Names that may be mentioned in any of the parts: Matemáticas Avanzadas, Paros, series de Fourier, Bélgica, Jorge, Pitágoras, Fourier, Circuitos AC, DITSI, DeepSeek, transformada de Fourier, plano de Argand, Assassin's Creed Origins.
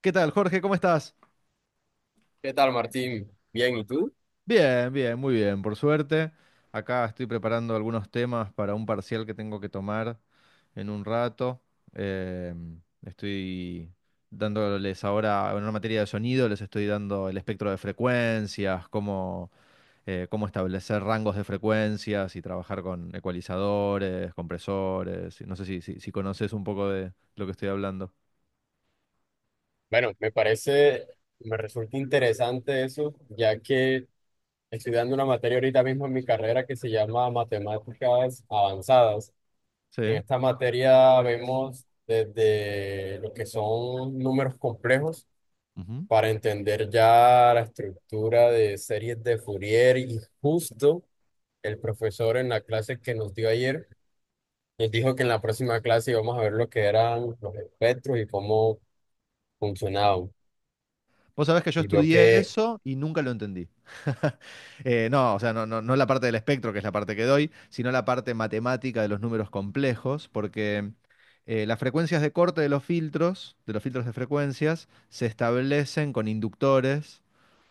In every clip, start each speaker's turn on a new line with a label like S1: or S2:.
S1: ¿Qué tal, Jorge? ¿Cómo estás?
S2: ¿Qué tal, Martín? Bien, ¿y tú?
S1: Bien, bien, muy bien, por suerte. Acá estoy preparando algunos temas para un parcial que tengo que tomar en un rato. Em, estoy dándoles ahora, en una materia de sonido, les estoy dando el espectro de frecuencias, cómo, cómo establecer rangos de frecuencias y trabajar con ecualizadores, compresores. No sé si conoces un poco de lo que estoy hablando.
S2: Bueno, me parece, me resulta interesante eso, ya que estoy dando una materia ahorita mismo en mi carrera que se llama Matemáticas Avanzadas.
S1: Sí.
S2: En esta materia vemos desde lo que son números complejos para entender ya la estructura de series de Fourier y justo el profesor en la clase que nos dio ayer nos dijo que en la próxima clase íbamos a ver lo que eran los espectros y cómo funcionaba.
S1: Vos sabés que yo
S2: Y veo
S1: estudié
S2: que,
S1: eso y nunca lo entendí. No, o sea, no, no, no la parte del espectro, que es la parte que doy, sino la parte matemática de los números complejos, porque las frecuencias de corte de los filtros, de los filtros de frecuencias, se establecen con inductores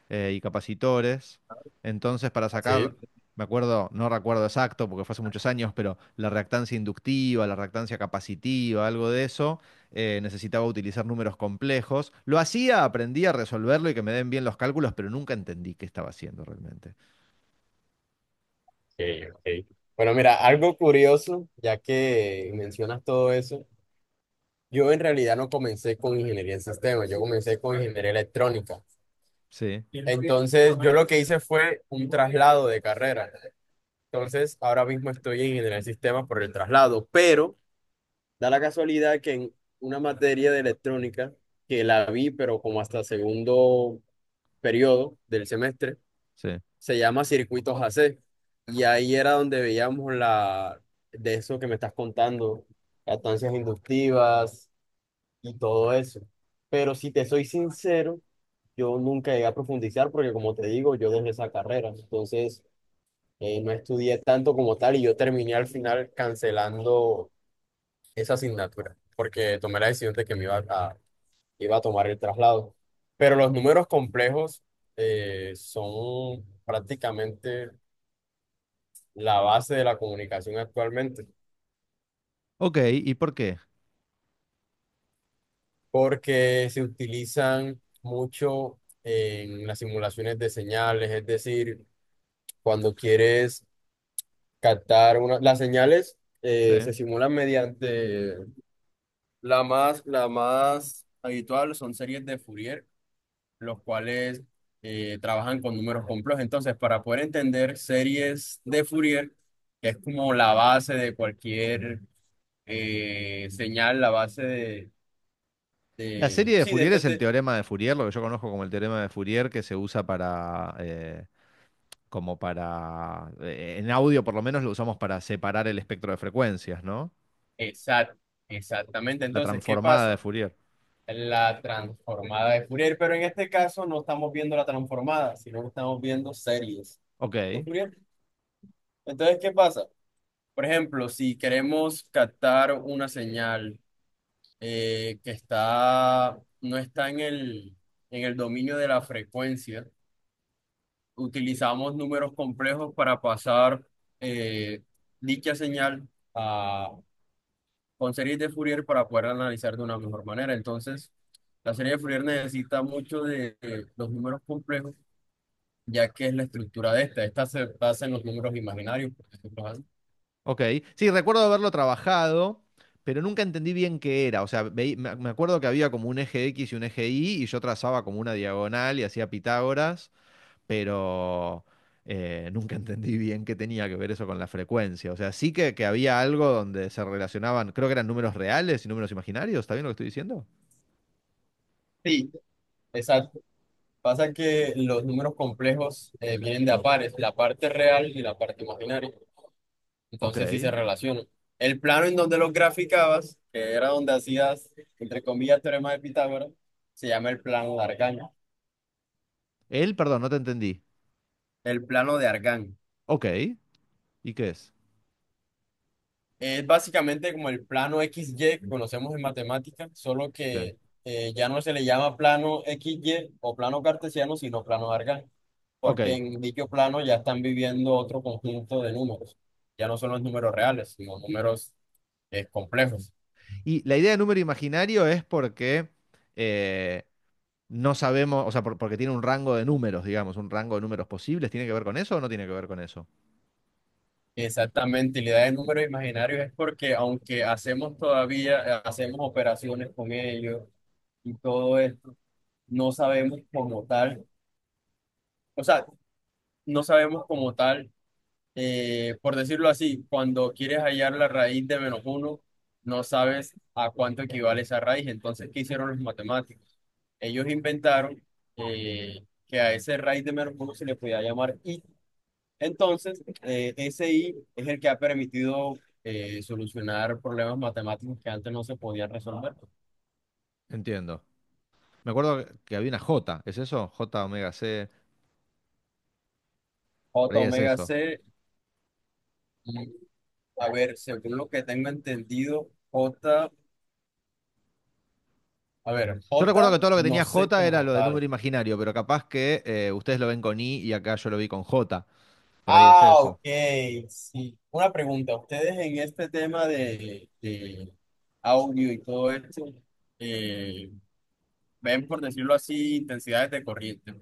S1: y capacitores. Entonces, para sacar,
S2: sí,
S1: me acuerdo, no recuerdo exacto porque fue hace muchos años, pero la reactancia inductiva, la reactancia capacitiva, algo de eso, necesitaba utilizar números complejos. Lo hacía, aprendí a resolverlo y que me den bien los cálculos, pero nunca entendí qué estaba haciendo realmente.
S2: ok, ok. Bueno, mira, algo curioso, ya que mencionas todo eso, yo en realidad no comencé con ingeniería en sistemas, yo comencé con ingeniería electrónica.
S1: Sí,
S2: Entonces, yo lo que hice fue un traslado de carrera. Entonces, ahora mismo estoy en ingeniería en sistemas por el traslado, pero da la casualidad que en una materia de electrónica, que la vi, pero como hasta segundo periodo del semestre,
S1: sí.
S2: se llama Circuitos AC. Y ahí era donde veíamos la de eso que me estás contando, estancias inductivas y todo eso. Pero si te soy sincero, yo nunca llegué a profundizar porque como te digo, yo dejé esa carrera. Entonces, no estudié tanto como tal y yo terminé al final cancelando esa asignatura porque tomé la decisión de que me iba a, tomar el traslado. Pero los números complejos son prácticamente la base de la comunicación actualmente,
S1: Ok, ¿y por qué?
S2: porque se utilizan mucho en las simulaciones de señales, es decir, cuando quieres captar las señales
S1: Sí.
S2: se simulan mediante la más habitual son series de Fourier, los cuales trabajan con números complejos. Entonces, para poder entender series de Fourier, que es como la base de cualquier señal, la base de
S1: La
S2: de,
S1: serie de
S2: sí, de
S1: Fourier
S2: este,
S1: es el
S2: te-
S1: teorema de Fourier, lo que yo conozco como el teorema de Fourier que se usa para, como para, en audio por lo menos lo usamos para separar el espectro de frecuencias, ¿no?
S2: exact- exactamente.
S1: La
S2: Entonces, ¿qué
S1: transformada de
S2: pasa?
S1: Fourier.
S2: La transformada de Fourier, pero en este caso no estamos viendo la transformada, sino que estamos viendo series
S1: Ok,
S2: de Fourier. Entonces, ¿qué pasa? Por ejemplo, si queremos captar una señal que está, no está en en el dominio de la frecuencia, utilizamos números complejos para pasar eh, dicha señal con series de Fourier para poder analizar de una mejor manera. Entonces, la serie de Fourier necesita mucho de los números complejos, ya que es la estructura de esta. Esta se basa en los números imaginarios. Por ejemplo, ¿ah?
S1: ok. Sí, recuerdo haberlo trabajado, pero nunca entendí bien qué era. O sea, me acuerdo que había como un eje X y un eje Y, y yo trazaba como una diagonal y hacía Pitágoras, pero nunca entendí bien qué tenía que ver eso con la frecuencia. O sea, sí que había algo donde se relacionaban, creo que eran números reales y números imaginarios, ¿está bien lo que estoy diciendo?
S2: Sí, exacto. Pasa que los números complejos vienen de a pares, la parte real y la parte imaginaria. Entonces, sí
S1: Ok.
S2: se relacionan. El plano en donde los graficabas, que era donde hacías, entre comillas, teorema de Pitágoras, se llama el plano de Argand.
S1: Él, perdón, no te entendí.
S2: El plano de Argand.
S1: Ok, ¿y qué es?
S2: Es básicamente como el plano XY que conocemos en matemática, solo
S1: Sí.
S2: que ya no se le llama plano x y o plano cartesiano, sino plano Argand,
S1: Ok.
S2: porque en dicho plano ya están viviendo otro conjunto de números. Ya no son los números reales, sino números complejos.
S1: Y la idea de número imaginario es porque eh, no sabemos, o sea, porque tiene un rango de números, digamos, un rango de números posibles. ¿Tiene que ver con eso o no tiene que ver con eso?
S2: Exactamente, y la idea de números imaginarios es porque aunque hacemos todavía, hacemos operaciones con ellos y todo esto, no sabemos como tal, o sea, no sabemos como tal por decirlo así, cuando quieres hallar la raíz de menos uno, no sabes a cuánto equivale esa raíz. Entonces, ¿qué hicieron los matemáticos? Ellos inventaron que a ese raíz de menos uno se le podía llamar i. Entonces, ese i es el que ha permitido solucionar problemas matemáticos que antes no se podían resolver.
S1: Entiendo. Me acuerdo que había una J, ¿es eso? J omega C,
S2: J
S1: por ahí es
S2: omega
S1: eso.
S2: c, y, a ver, según lo que tengo entendido, J, a ver,
S1: Yo recuerdo
S2: J
S1: que todo lo que
S2: no
S1: tenía
S2: sé
S1: J era
S2: como
S1: lo de
S2: tal.
S1: número imaginario, pero capaz que ustedes lo ven con I y acá yo lo vi con J. Por ahí es
S2: Ah,
S1: eso.
S2: ok, sí. Una pregunta, ustedes en este tema de audio y todo esto, eh, ven, por decirlo así, intensidades de corriente.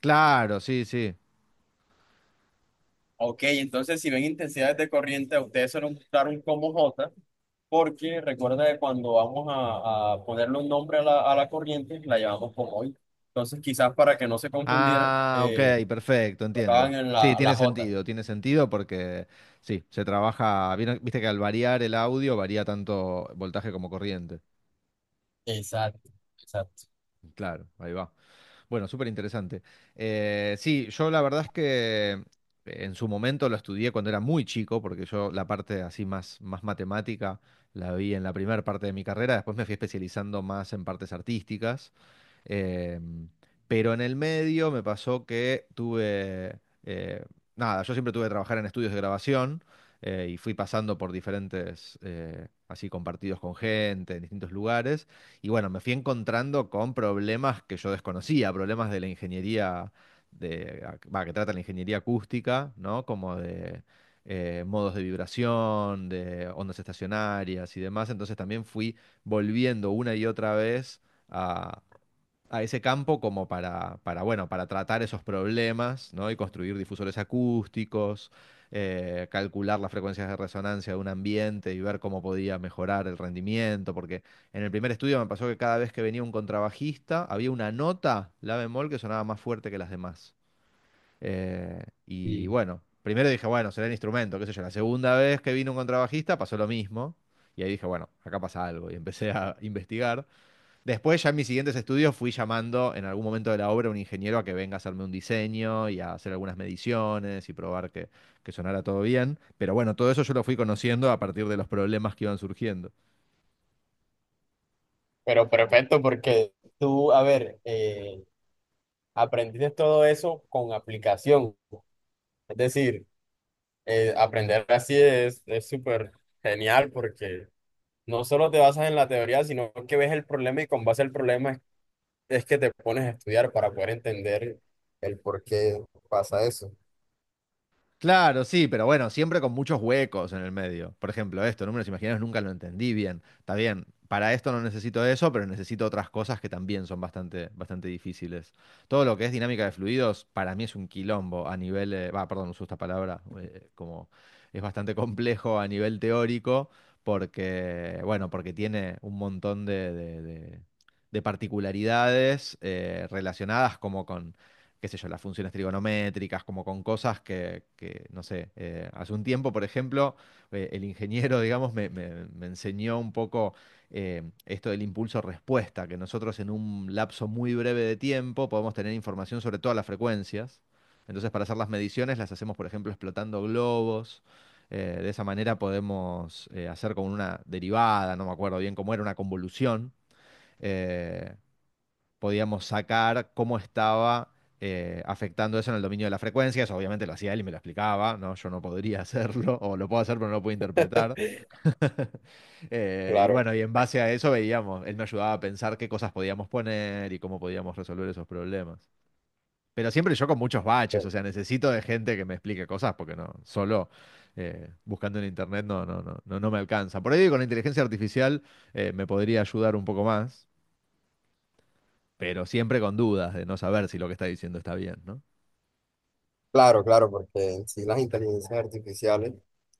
S1: Claro, sí, sí.
S2: Ok, entonces si ven intensidades de corriente, a ustedes se nos gustaron como J, porque recuerda que cuando vamos a ponerle un nombre a a la corriente, la llamamos como hoy. Entonces quizás para que no se confundieran,
S1: Ah, ok, perfecto,
S2: tocaban
S1: entiendo.
S2: en
S1: Sí,
S2: la J.
S1: tiene sentido porque sí, se trabaja, viste que al variar el audio varía tanto voltaje como corriente.
S2: Exacto, exacto.
S1: Claro, ahí va. Bueno, súper interesante. Sí, yo la verdad es que en su momento lo estudié cuando era muy chico, porque yo la parte así más, más matemática la vi en la primera parte de mi carrera, después me fui especializando más en partes artísticas. Eh, pero en el medio me pasó que tuve, nada, yo siempre tuve que trabajar en estudios de grabación y fui pasando por diferentes, así compartidos con gente, en distintos lugares. Y bueno, me fui encontrando con problemas que yo desconocía, problemas de la ingeniería, de, va, que trata la ingeniería acústica, ¿no? Como de modos de vibración, de ondas estacionarias y demás, entonces también fui volviendo una y otra vez a ese campo como para, bueno, para tratar esos problemas, ¿no? Y construir difusores acústicos, calcular las frecuencias de resonancia de un ambiente y ver cómo podía mejorar el rendimiento, porque en el primer estudio me pasó que cada vez que venía un contrabajista había una nota, la bemol, que sonaba más fuerte que las demás. Y
S2: Sí.
S1: bueno, primero dije, bueno, será el instrumento, qué sé yo. La segunda vez que vino un contrabajista pasó lo mismo. Y ahí dije, bueno, acá pasa algo. Y empecé a investigar. Después, ya en mis siguientes estudios, fui llamando en algún momento de la obra a un ingeniero a que venga a hacerme un diseño y a hacer algunas mediciones y probar que sonara todo bien. Pero bueno, todo eso yo lo fui conociendo a partir de los problemas que iban surgiendo.
S2: Pero perfecto, porque tú, a ver, aprendiste todo eso con aplicación. Es decir, aprender así es súper genial porque no solo te basas en la teoría, sino que ves el problema y con base al problema es que te pones a estudiar para poder entender el por qué pasa eso.
S1: Claro, sí, pero bueno, siempre con muchos huecos en el medio. Por ejemplo, esto, números imaginarios nunca lo entendí bien. Está bien, para esto no necesito eso, pero necesito otras cosas que también son bastante, bastante difíciles. Todo lo que es dinámica de fluidos, para mí es un quilombo a nivel, va, perdón, uso esta palabra, como es bastante complejo a nivel teórico, porque, bueno, porque tiene un montón de, de particularidades relacionadas como qué sé yo, las funciones trigonométricas, como con cosas que, no sé, hace un tiempo, por ejemplo, el ingeniero, digamos, me enseñó un poco esto del impulso-respuesta, que nosotros en un lapso muy breve de tiempo podemos tener información sobre todas las frecuencias. Entonces, para hacer las mediciones, las hacemos, por ejemplo, explotando globos. De esa manera podemos hacer como una derivada, no me acuerdo bien cómo era, una convolución. Eh, Podíamos sacar cómo estaba afectando eso en el dominio de las frecuencias. Obviamente lo hacía él y me lo explicaba, ¿no? Yo no podría hacerlo, o lo puedo hacer, pero no lo puedo interpretar. Y
S2: Claro,
S1: bueno, y en base a eso veíamos, él me ayudaba a pensar qué cosas podíamos poner y cómo podíamos resolver esos problemas. Pero siempre yo con muchos baches,
S2: pe-
S1: o sea, necesito de gente que me explique cosas porque no, solo buscando en internet no, no, no, no, no me alcanza. Por ahí con la inteligencia artificial me podría ayudar un poco más, pero siempre con dudas de no saber si lo que está diciendo está bien, ¿no?
S2: claro, claro, porque en sí las inteligencias artificiales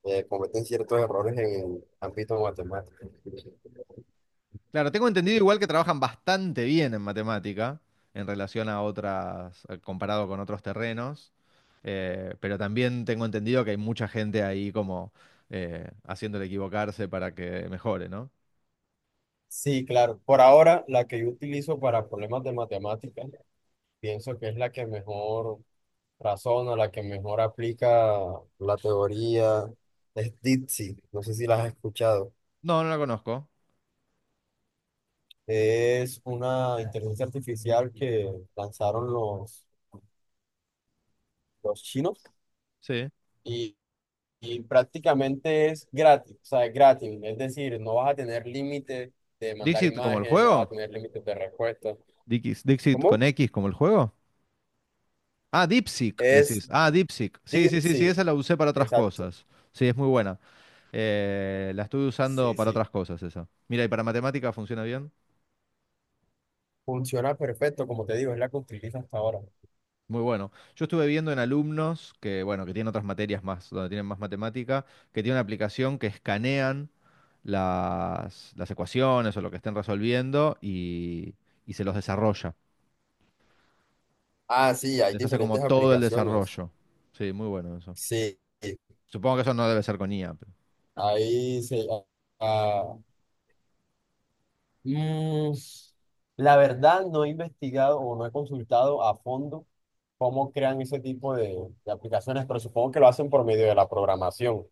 S2: cometen ciertos errores en el ámbito matemático.
S1: Claro, tengo entendido igual que trabajan bastante bien en matemática en relación a otras, comparado con otros terrenos, pero también tengo entendido que hay mucha gente ahí como haciéndole equivocarse para que mejore, ¿no?
S2: Sí, claro. Por ahora, la que yo utilizo para problemas de matemáticas, pienso que es la que mejor razona, la que mejor aplica la teoría, es DITSI. No sé si la has escuchado.
S1: No, no la conozco.
S2: Es una inteligencia artificial que lanzaron los chinos
S1: Sí.
S2: y, prácticamente es gratis, o sea, es gratis. Es decir, no vas a tener límite de mandar
S1: ¿Dixit como el
S2: imágenes, no vas a
S1: juego?
S2: tener límites de respuesta.
S1: ¿Dixit con
S2: ¿Cómo?
S1: X como el juego? Ah, DeepSeek,
S2: Es
S1: decís. Ah, DeepSeek. Sí, sí, sí, sí,
S2: DITSI,
S1: esa la usé para otras
S2: exacto.
S1: cosas. Sí, es muy buena. La estuve usando
S2: Sí,
S1: para
S2: sí.
S1: otras cosas esa. Mira, y para matemáticas funciona bien.
S2: Funciona perfecto, como te digo, es la que utilizo hasta ahora.
S1: Muy bueno. Yo estuve viendo en alumnos que, bueno, que tienen otras materias más, donde tienen más matemática, que tienen una aplicación que escanean las ecuaciones o lo que estén resolviendo y se los desarrolla.
S2: Ah, sí, hay
S1: Les hace como
S2: diferentes
S1: todo el
S2: aplicaciones.
S1: desarrollo. Sí, muy bueno eso.
S2: Sí,
S1: Supongo que eso no debe ser con IA.
S2: ahí se... ah, ah, mm, la verdad no he investigado o no he consultado a fondo cómo crean ese tipo de aplicaciones, pero supongo que lo hacen por medio de la programación.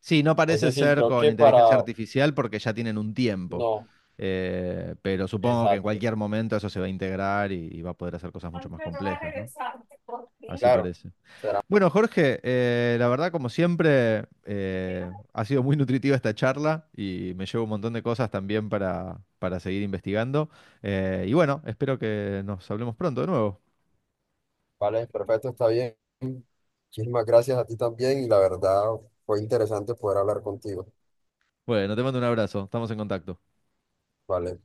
S1: Sí, no
S2: Es
S1: parece
S2: decir,
S1: ser con inteligencia artificial porque ya tienen un tiempo.
S2: No,
S1: Pero supongo que en
S2: exacto.
S1: cualquier momento eso se va a integrar y va a poder hacer cosas mucho más complejas, ¿no? Así
S2: Claro.
S1: parece. Bueno, Jorge, la verdad, como siempre, ha sido muy nutritiva esta charla y me llevo un montón de cosas también para seguir investigando. Y bueno, espero que nos hablemos pronto de nuevo.
S2: Vale, perfecto, está bien. Muchísimas gracias a ti también y la verdad fue interesante poder hablar contigo.
S1: Bueno, te mando un abrazo, estamos en contacto.
S2: Vale.